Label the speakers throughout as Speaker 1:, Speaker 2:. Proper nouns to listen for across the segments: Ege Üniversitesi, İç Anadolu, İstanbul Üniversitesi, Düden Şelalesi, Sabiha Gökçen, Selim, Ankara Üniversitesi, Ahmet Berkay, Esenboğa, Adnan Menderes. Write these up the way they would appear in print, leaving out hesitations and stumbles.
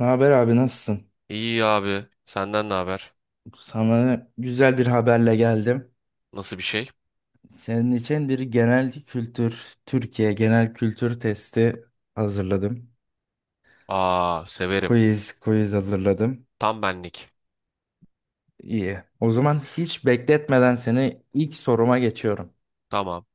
Speaker 1: Ne haber abi nasılsın?
Speaker 2: İyi abi. Senden ne haber?
Speaker 1: Sana güzel bir haberle geldim.
Speaker 2: Nasıl bir şey?
Speaker 1: Senin için bir genel kültür, Türkiye genel kültür testi hazırladım.
Speaker 2: Aa, severim.
Speaker 1: Quiz hazırladım.
Speaker 2: Tam benlik.
Speaker 1: İyi. O zaman hiç bekletmeden seni ilk soruma geçiyorum.
Speaker 2: Tamam.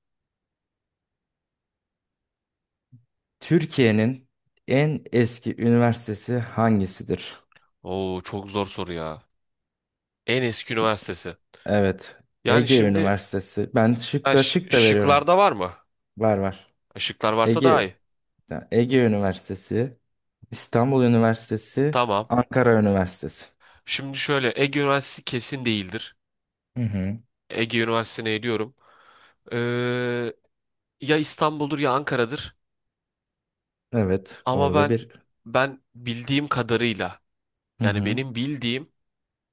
Speaker 1: Türkiye'nin en eski üniversitesi hangisidir?
Speaker 2: Oo, çok zor soru ya. En eski üniversitesi.
Speaker 1: Evet,
Speaker 2: Yani
Speaker 1: Ege
Speaker 2: şimdi
Speaker 1: Üniversitesi. Ben şık da şık da veriyorum.
Speaker 2: şıklarda var mı?
Speaker 1: Var var.
Speaker 2: Şıklar varsa daha
Speaker 1: Ege,
Speaker 2: iyi.
Speaker 1: Ege Üniversitesi. İstanbul Üniversitesi,
Speaker 2: Tamam.
Speaker 1: Ankara Üniversitesi.
Speaker 2: Şimdi şöyle Ege Üniversitesi kesin değildir.
Speaker 1: Hı hı.
Speaker 2: Ege Üniversitesi'ne ediyorum. Ee, Ya İstanbul'dur ya Ankara'dır.
Speaker 1: Evet,
Speaker 2: Ama
Speaker 1: orada
Speaker 2: ben
Speaker 1: bir
Speaker 2: ben bildiğim kadarıyla
Speaker 1: hı
Speaker 2: yani
Speaker 1: hı.
Speaker 2: benim bildiğim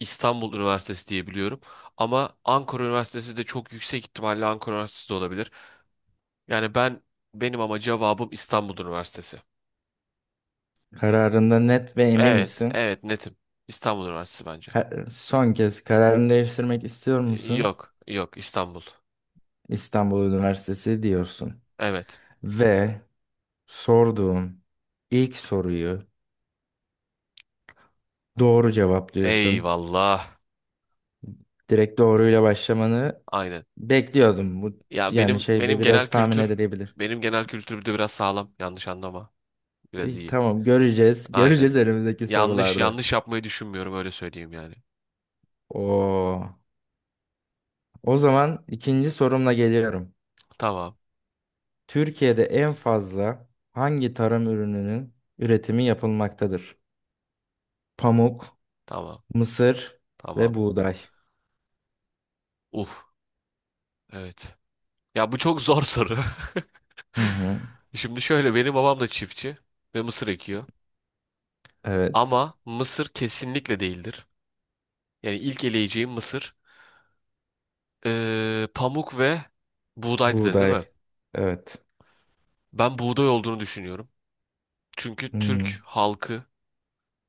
Speaker 2: İstanbul Üniversitesi diye biliyorum. Ama Ankara Üniversitesi de çok yüksek ihtimalle Ankara Üniversitesi de olabilir. Yani benim ama cevabım İstanbul Üniversitesi.
Speaker 1: Kararında net ve emin
Speaker 2: Evet,
Speaker 1: misin?
Speaker 2: evet netim. İstanbul Üniversitesi bence.
Speaker 1: Son kez kararını değiştirmek istiyor musun?
Speaker 2: Yok, yok İstanbul.
Speaker 1: İstanbul Üniversitesi diyorsun.
Speaker 2: Evet.
Speaker 1: Ve sorduğum ilk soruyu doğru cevaplıyorsun.
Speaker 2: Eyvallah.
Speaker 1: Direkt doğruyla başlamanı
Speaker 2: Aynen.
Speaker 1: bekliyordum. Bu
Speaker 2: Ya
Speaker 1: yani
Speaker 2: benim
Speaker 1: şey
Speaker 2: benim
Speaker 1: biraz tahmin edilebilir.
Speaker 2: genel kültür bir de biraz sağlam. Yanlış anlama. Biraz
Speaker 1: İyi,
Speaker 2: iyi.
Speaker 1: tamam göreceğiz.
Speaker 2: Aynen.
Speaker 1: Göreceğiz önümüzdeki
Speaker 2: Yanlış
Speaker 1: sorularda.
Speaker 2: yanlış yapmayı düşünmüyorum öyle söyleyeyim yani.
Speaker 1: Oo. O zaman ikinci sorumla geliyorum.
Speaker 2: Tamam.
Speaker 1: Türkiye'de en fazla hangi tarım ürününün üretimi yapılmaktadır? Pamuk,
Speaker 2: Tamam.
Speaker 1: mısır ve
Speaker 2: Tamam.
Speaker 1: buğday.
Speaker 2: Uf. Evet. Ya bu çok zor soru.
Speaker 1: Hı hı.
Speaker 2: Şimdi şöyle benim babam da çiftçi ve mısır ekiyor.
Speaker 1: Evet.
Speaker 2: Ama mısır kesinlikle değildir. Yani ilk eleyeceğim mısır pamuk ve buğday dedin değil mi?
Speaker 1: Buğday. Evet.
Speaker 2: Ben buğday olduğunu düşünüyorum. Çünkü Türk
Speaker 1: Hmm.
Speaker 2: halkı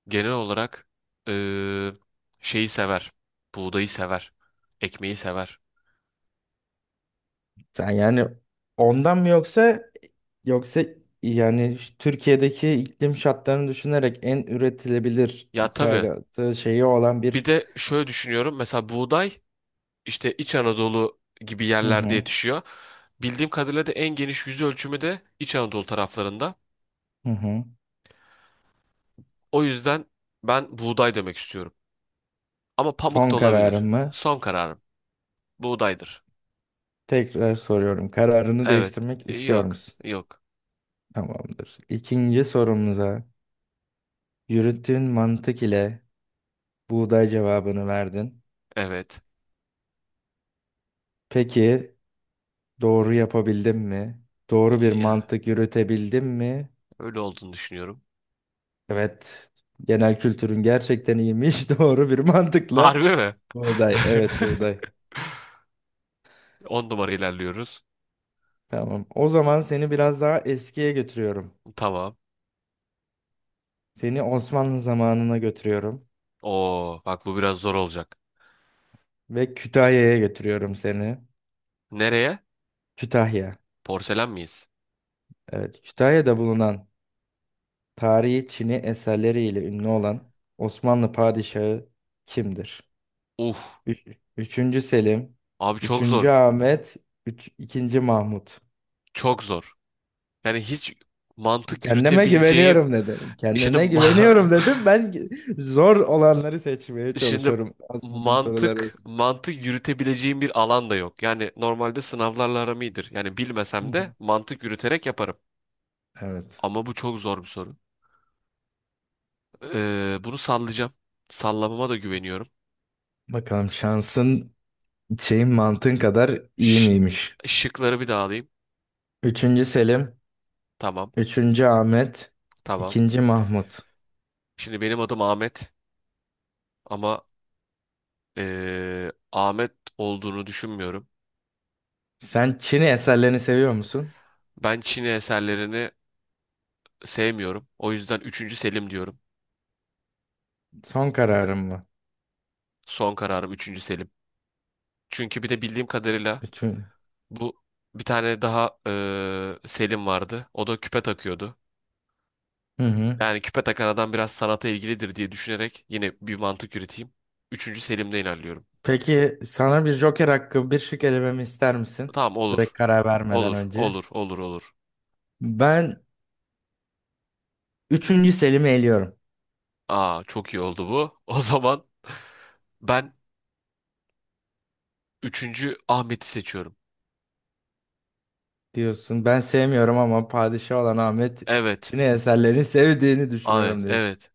Speaker 2: genel olarak eee, şeyi sever. Buğdayı sever. Ekmeği sever.
Speaker 1: Sen yani ondan mı yoksa yani Türkiye'deki iklim şartlarını düşünerek en üretilebilir
Speaker 2: Ya tabii.
Speaker 1: ithalatı şeyi olan
Speaker 2: Bir
Speaker 1: bir
Speaker 2: de şöyle düşünüyorum. Mesela buğday işte İç Anadolu gibi
Speaker 1: hı
Speaker 2: yerlerde
Speaker 1: hı,
Speaker 2: yetişiyor. Bildiğim kadarıyla da en geniş yüz ölçümü de İç Anadolu taraflarında.
Speaker 1: hı hı.
Speaker 2: O yüzden ben buğday demek istiyorum. Ama pamuk
Speaker 1: Son
Speaker 2: da olabilir.
Speaker 1: kararın mı?
Speaker 2: Son kararım. Buğdaydır.
Speaker 1: Tekrar soruyorum. Kararını
Speaker 2: Evet.
Speaker 1: değiştirmek istiyor
Speaker 2: Yok.
Speaker 1: musun?
Speaker 2: Yok.
Speaker 1: Tamamdır. İkinci sorumuza yürüttüğün mantık ile buğday cevabını verdin.
Speaker 2: Evet.
Speaker 1: Peki doğru yapabildin mi? Doğru bir
Speaker 2: Ya,
Speaker 1: mantık yürütebildin mi?
Speaker 2: öyle olduğunu düşünüyorum.
Speaker 1: Evet. Genel kültürün gerçekten iyiymiş. Doğru bir mantıkla
Speaker 2: Harbi mi?
Speaker 1: buğday. Evet buğday.
Speaker 2: 10 numara ilerliyoruz.
Speaker 1: Tamam. O zaman seni biraz daha eskiye götürüyorum.
Speaker 2: Tamam.
Speaker 1: Seni Osmanlı zamanına götürüyorum
Speaker 2: Oo, bak bu biraz zor olacak.
Speaker 1: ve Kütahya'ya götürüyorum seni.
Speaker 2: Nereye?
Speaker 1: Kütahya.
Speaker 2: Porselen miyiz?
Speaker 1: Evet, Kütahya'da bulunan tarihi Çin'i eserleriyle ünlü olan Osmanlı padişahı kimdir?
Speaker 2: Uh.
Speaker 1: Üç, üçüncü Selim,
Speaker 2: Abi çok
Speaker 1: üçüncü
Speaker 2: zor.
Speaker 1: Ahmet, ikinci Mahmut.
Speaker 2: Çok zor. Yani hiç mantık
Speaker 1: Kendime
Speaker 2: yürütebileceğim
Speaker 1: güveniyorum dedim.
Speaker 2: şimdi
Speaker 1: Kendine
Speaker 2: ma-
Speaker 1: güveniyorum dedim. Ben zor olanları seçmeye
Speaker 2: Şimdi
Speaker 1: çalışıyorum. Azmadığım sorular
Speaker 2: mantık
Speaker 1: arasında.
Speaker 2: mantık yürütebileceğim bir alan da yok. Yani normalde sınavlarla aram iyidir. Yani
Speaker 1: Hı
Speaker 2: bilmesem de
Speaker 1: hı.
Speaker 2: mantık yürüterek yaparım.
Speaker 1: Evet.
Speaker 2: Ama bu çok zor bir soru. Bunu sallayacağım. Sallamama da güveniyorum.
Speaker 1: Bakalım şansın şeyin mantığın kadar iyi
Speaker 2: Ş
Speaker 1: miymiş?
Speaker 2: Şıkları bir daha alayım.
Speaker 1: Üçüncü Selim,
Speaker 2: Tamam,
Speaker 1: üçüncü Ahmet,
Speaker 2: tamam.
Speaker 1: ikinci Mahmut.
Speaker 2: Şimdi benim adım Ahmet ama Ahmet olduğunu düşünmüyorum.
Speaker 1: Sen Çin eserlerini seviyor musun?
Speaker 2: Ben Çin eserlerini sevmiyorum. O yüzden üçüncü Selim diyorum.
Speaker 1: Son kararın mı?
Speaker 2: Son kararım üçüncü Selim. Çünkü bir de bildiğim kadarıyla
Speaker 1: Bütün.
Speaker 2: bu bir tane daha Selim vardı. O da küpe takıyordu.
Speaker 1: Hı hı.
Speaker 2: Yani küpe takan adam biraz sanata ilgilidir diye düşünerek yine bir mantık üreteyim. 3. Selim'de ilerliyorum.
Speaker 1: Peki sana bir Joker hakkı bir şık elememi ister misin?
Speaker 2: Tamam
Speaker 1: Direkt
Speaker 2: olur.
Speaker 1: karar vermeden
Speaker 2: Olur,
Speaker 1: önce.
Speaker 2: olur, olur, olur.
Speaker 1: Ben üçüncü Selim'i eliyorum
Speaker 2: Aa çok iyi oldu bu. O zaman ben üçüncü Ahmet'i seçiyorum.
Speaker 1: diyorsun. Ben sevmiyorum ama padişah olan Ahmet
Speaker 2: Evet,
Speaker 1: Çin eserlerini sevdiğini
Speaker 2: evet,
Speaker 1: düşünüyorum diyorsun.
Speaker 2: evet.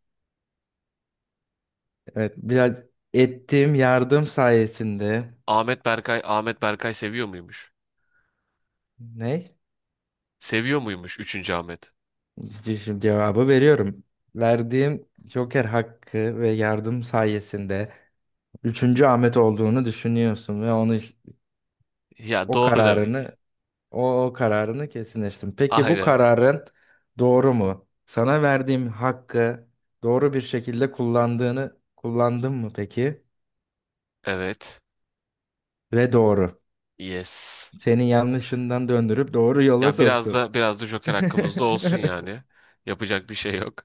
Speaker 1: Evet biraz ettiğim yardım sayesinde
Speaker 2: Ahmet Berkay, Ahmet Berkay seviyor muymuş?
Speaker 1: ne?
Speaker 2: Seviyor muymuş üçüncü Ahmet?
Speaker 1: Şimdi cevabı veriyorum. Verdiğim Joker hakkı ve yardım sayesinde Üçüncü Ahmet olduğunu düşünüyorsun ve onu
Speaker 2: Ya
Speaker 1: o
Speaker 2: doğru demek ki.
Speaker 1: kararını o kararını kesinleştin. Peki bu
Speaker 2: Aynen.
Speaker 1: kararın doğru mu? Sana verdiğim hakkı doğru bir şekilde kullandığını kullandın mı peki?
Speaker 2: Evet.
Speaker 1: Ve doğru.
Speaker 2: Yes.
Speaker 1: Seni yanlışından döndürüp doğru yola
Speaker 2: Ya biraz
Speaker 1: soktum.
Speaker 2: da biraz da Joker hakkımızda olsun yani. Yapacak bir şey yok.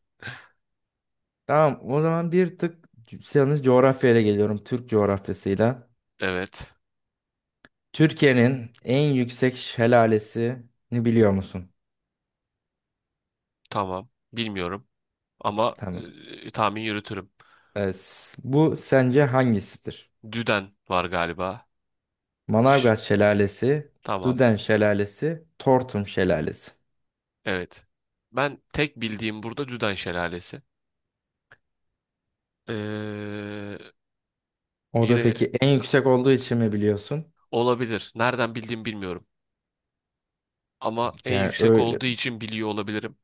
Speaker 1: Tamam, o zaman bir tık yalnız coğrafyayla geliyorum. Türk coğrafyasıyla.
Speaker 2: Evet.
Speaker 1: Türkiye'nin en yüksek şelalesini biliyor musun?
Speaker 2: Tamam. Bilmiyorum. Ama
Speaker 1: Tamam.
Speaker 2: tahmin yürütürüm.
Speaker 1: Evet, bu sence hangisidir?
Speaker 2: Düden var galiba. Ş-
Speaker 1: Manavgat Şelalesi,
Speaker 2: tamam.
Speaker 1: Duden Şelalesi, Tortum Şelalesi.
Speaker 2: Evet. Ben tek bildiğim burada Düden Şelalesi. Ee,
Speaker 1: O da
Speaker 2: Yine
Speaker 1: peki en yüksek olduğu için mi biliyorsun?
Speaker 2: olabilir. Nereden bildiğimi bilmiyorum. Ama en
Speaker 1: Yani
Speaker 2: yüksek
Speaker 1: öyle
Speaker 2: olduğu için biliyor olabilirim.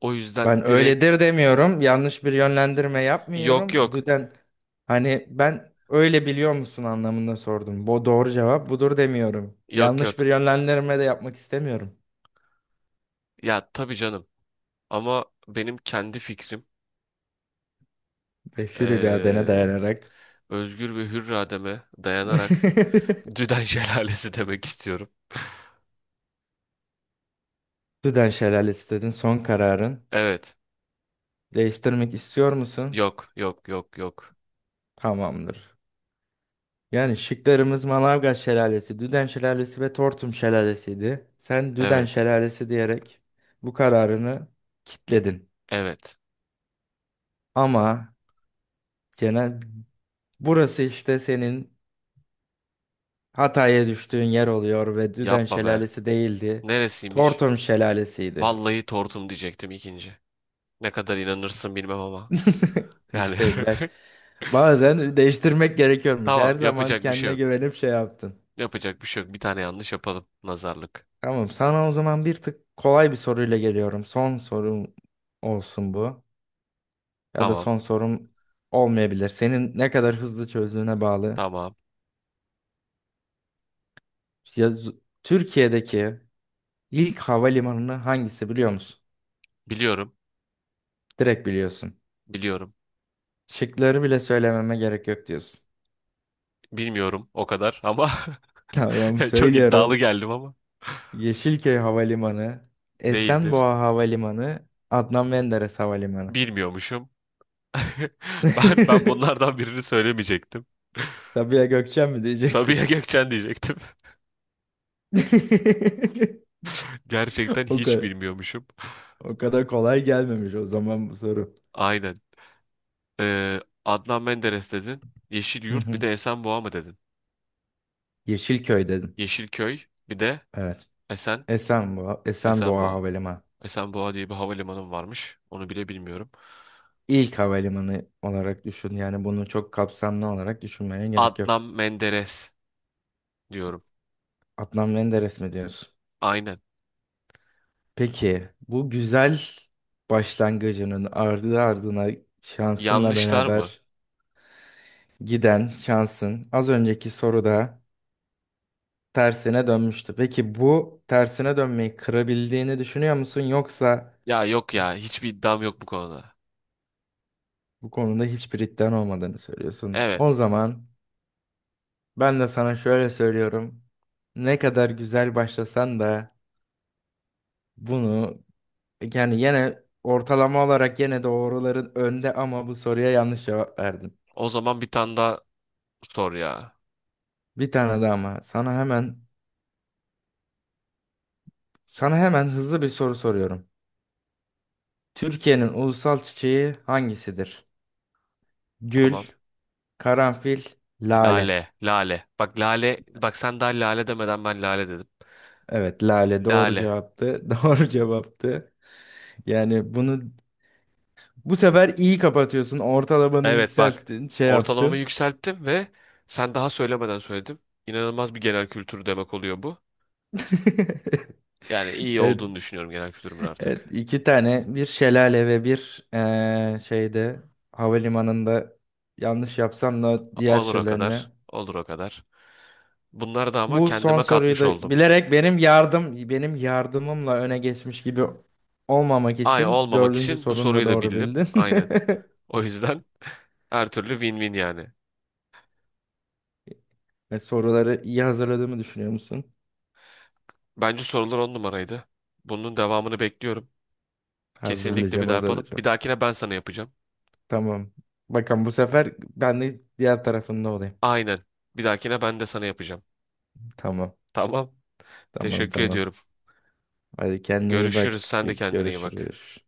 Speaker 2: O yüzden
Speaker 1: ben
Speaker 2: direkt
Speaker 1: öyledir demiyorum. Yanlış bir yönlendirme
Speaker 2: yok
Speaker 1: yapmıyorum.
Speaker 2: yok.
Speaker 1: Düden, hani ben öyle biliyor musun anlamında sordum. Bu doğru cevap budur demiyorum.
Speaker 2: Yok
Speaker 1: Yanlış bir
Speaker 2: yok.
Speaker 1: yönlendirme de yapmak istemiyorum.
Speaker 2: Ya tabii canım. Ama benim kendi fikrim
Speaker 1: Ve hür iradene
Speaker 2: eee,
Speaker 1: dayanarak.
Speaker 2: özgür ve hür irademe dayanarak Düden Şelalesi demek istiyorum.
Speaker 1: Düden Şelalesi dedin son kararın.
Speaker 2: Evet.
Speaker 1: Değiştirmek istiyor musun?
Speaker 2: Yok, yok, yok, yok.
Speaker 1: Tamamdır. Yani şıklarımız Manavgat Şelalesi, Düden Şelalesi ve Tortum Şelalesi'ydi. Sen Düden
Speaker 2: Evet,
Speaker 1: Şelalesi diyerek bu kararını kitledin.
Speaker 2: evet.
Speaker 1: Ama genel burası işte senin hataya düştüğün yer oluyor ve Düden
Speaker 2: Yapma be.
Speaker 1: Şelalesi değildi.
Speaker 2: Neresiymiş?
Speaker 1: Tortum Şelalesi'ydi.
Speaker 2: Vallahi tortum diyecektim ikinci. Ne kadar inanırsın bilmem ama. Yani
Speaker 1: İşte ben bazen değiştirmek gerekiyormuş.
Speaker 2: tamam
Speaker 1: Her zaman
Speaker 2: yapacak bir şey
Speaker 1: kendine
Speaker 2: yok.
Speaker 1: güvenip şey yaptın.
Speaker 2: Yapacak bir şey yok. Bir tane yanlış yapalım. Nazarlık.
Speaker 1: Tamam, sana o zaman bir tık kolay bir soruyla geliyorum. Son sorum olsun bu. Ya da
Speaker 2: Tamam,
Speaker 1: son sorum olmayabilir. Senin ne kadar hızlı çözdüğüne bağlı.
Speaker 2: tamam.
Speaker 1: Ya, Türkiye'deki ilk havalimanını hangisi biliyor musun?
Speaker 2: Biliyorum,
Speaker 1: Direkt biliyorsun.
Speaker 2: biliyorum.
Speaker 1: Şıkları bile söylememe gerek yok diyorsun.
Speaker 2: Bilmiyorum o kadar ama
Speaker 1: Tamam,
Speaker 2: çok iddialı
Speaker 1: söylüyorum.
Speaker 2: geldim ama
Speaker 1: Yeşilköy Havalimanı,
Speaker 2: değildir.
Speaker 1: Esenboğa Havalimanı, Adnan Menderes Havalimanı.
Speaker 2: Bilmiyormuşum. Ben bunlardan birini söylemeyecektim.
Speaker 1: Sabiha Gökçen mi
Speaker 2: Sabiha
Speaker 1: diyecektin?
Speaker 2: Gökçen diyecektim. Gerçekten
Speaker 1: O
Speaker 2: hiç
Speaker 1: kadar.
Speaker 2: bilmiyormuşum.
Speaker 1: O kadar kolay gelmemiş o zaman bu soru.
Speaker 2: Aynen. Adnan Menderes dedin.
Speaker 1: Hı
Speaker 2: Yeşilyurt bir
Speaker 1: hı.
Speaker 2: de Esenboğa mı dedin?
Speaker 1: Yeşilköy dedim.
Speaker 2: Yeşilköy bir de
Speaker 1: Evet.
Speaker 2: Esen
Speaker 1: Esenboğa, Esenboğa
Speaker 2: Esenboğa.
Speaker 1: Havalimanı.
Speaker 2: Esenboğa diye bir havalimanı varmış. Onu bile bilmiyorum.
Speaker 1: İlk havalimanı olarak düşün. Yani bunu çok kapsamlı olarak düşünmeye gerek yok.
Speaker 2: Adnan Menderes diyorum.
Speaker 1: Adnan Menderes mi diyorsun?
Speaker 2: Aynen.
Speaker 1: Peki bu güzel başlangıcının ardı ardına şansınla
Speaker 2: Yanlışlar mı?
Speaker 1: beraber giden şansın az önceki soruda tersine dönmüştü. Peki bu tersine dönmeyi kırabildiğini düşünüyor musun yoksa
Speaker 2: Ya yok ya. Hiçbir iddiam yok bu konuda.
Speaker 1: bu konuda hiçbir iddian olmadığını söylüyorsun. O
Speaker 2: Evet.
Speaker 1: zaman ben de sana şöyle söylüyorum. Ne kadar güzel başlasan da bunu yani yine ortalama olarak yine doğruların önde ama bu soruya yanlış cevap verdin.
Speaker 2: O zaman bir tane daha sor ya.
Speaker 1: Bir tane daha ama sana hemen hızlı bir soru soruyorum. Türkiye'nin ulusal çiçeği hangisidir? Gül,
Speaker 2: Tamam.
Speaker 1: karanfil,
Speaker 2: Lale,
Speaker 1: lale.
Speaker 2: lale. Bak lale, bak sen daha lale demeden ben lale dedim.
Speaker 1: Evet, lale doğru
Speaker 2: Lale.
Speaker 1: cevaptı. Doğru cevaptı. Yani bunu bu sefer iyi kapatıyorsun. Ortalamanı
Speaker 2: Evet bak.
Speaker 1: yükselttin. Şey
Speaker 2: Ortalamamı
Speaker 1: yaptın.
Speaker 2: yükselttim ve sen daha söylemeden söyledim. İnanılmaz bir genel kültür demek oluyor bu. Yani iyi
Speaker 1: Evet.
Speaker 2: olduğunu düşünüyorum genel kültürümün
Speaker 1: Evet.
Speaker 2: artık.
Speaker 1: iki tane bir şelale ve bir şeyde havalimanında yanlış yapsan da diğer
Speaker 2: Olur o
Speaker 1: şeylerini.
Speaker 2: kadar, olur o kadar. Bunları da ama
Speaker 1: Bu son
Speaker 2: kendime
Speaker 1: soruyu
Speaker 2: katmış
Speaker 1: da
Speaker 2: oldum.
Speaker 1: bilerek benim yardımımla öne geçmiş gibi olmamak
Speaker 2: Aynı
Speaker 1: için
Speaker 2: olmamak
Speaker 1: dördüncü
Speaker 2: için bu
Speaker 1: sorunu da
Speaker 2: soruyu da
Speaker 1: doğru
Speaker 2: bildim.
Speaker 1: bildin.
Speaker 2: Aynen. O yüzden her türlü win-win yani.
Speaker 1: E, soruları iyi hazırladığımı düşünüyor musun?
Speaker 2: Bence sorular on numaraydı. Bunun devamını bekliyorum. Kesinlikle bir
Speaker 1: Hazırlayacağım,
Speaker 2: daha yapalım. Bir
Speaker 1: hazırlayacağım.
Speaker 2: dahakine ben sana yapacağım.
Speaker 1: Tamam. Bakın bu sefer ben de diğer tarafında olayım.
Speaker 2: Aynen. Bir dahakine ben de sana yapacağım.
Speaker 1: Tamam.
Speaker 2: Tamam.
Speaker 1: Tamam
Speaker 2: Teşekkür
Speaker 1: tamam.
Speaker 2: ediyorum.
Speaker 1: Hadi kendine iyi
Speaker 2: Görüşürüz.
Speaker 1: bak.
Speaker 2: Sen de kendine iyi bak.
Speaker 1: Görüşürüz.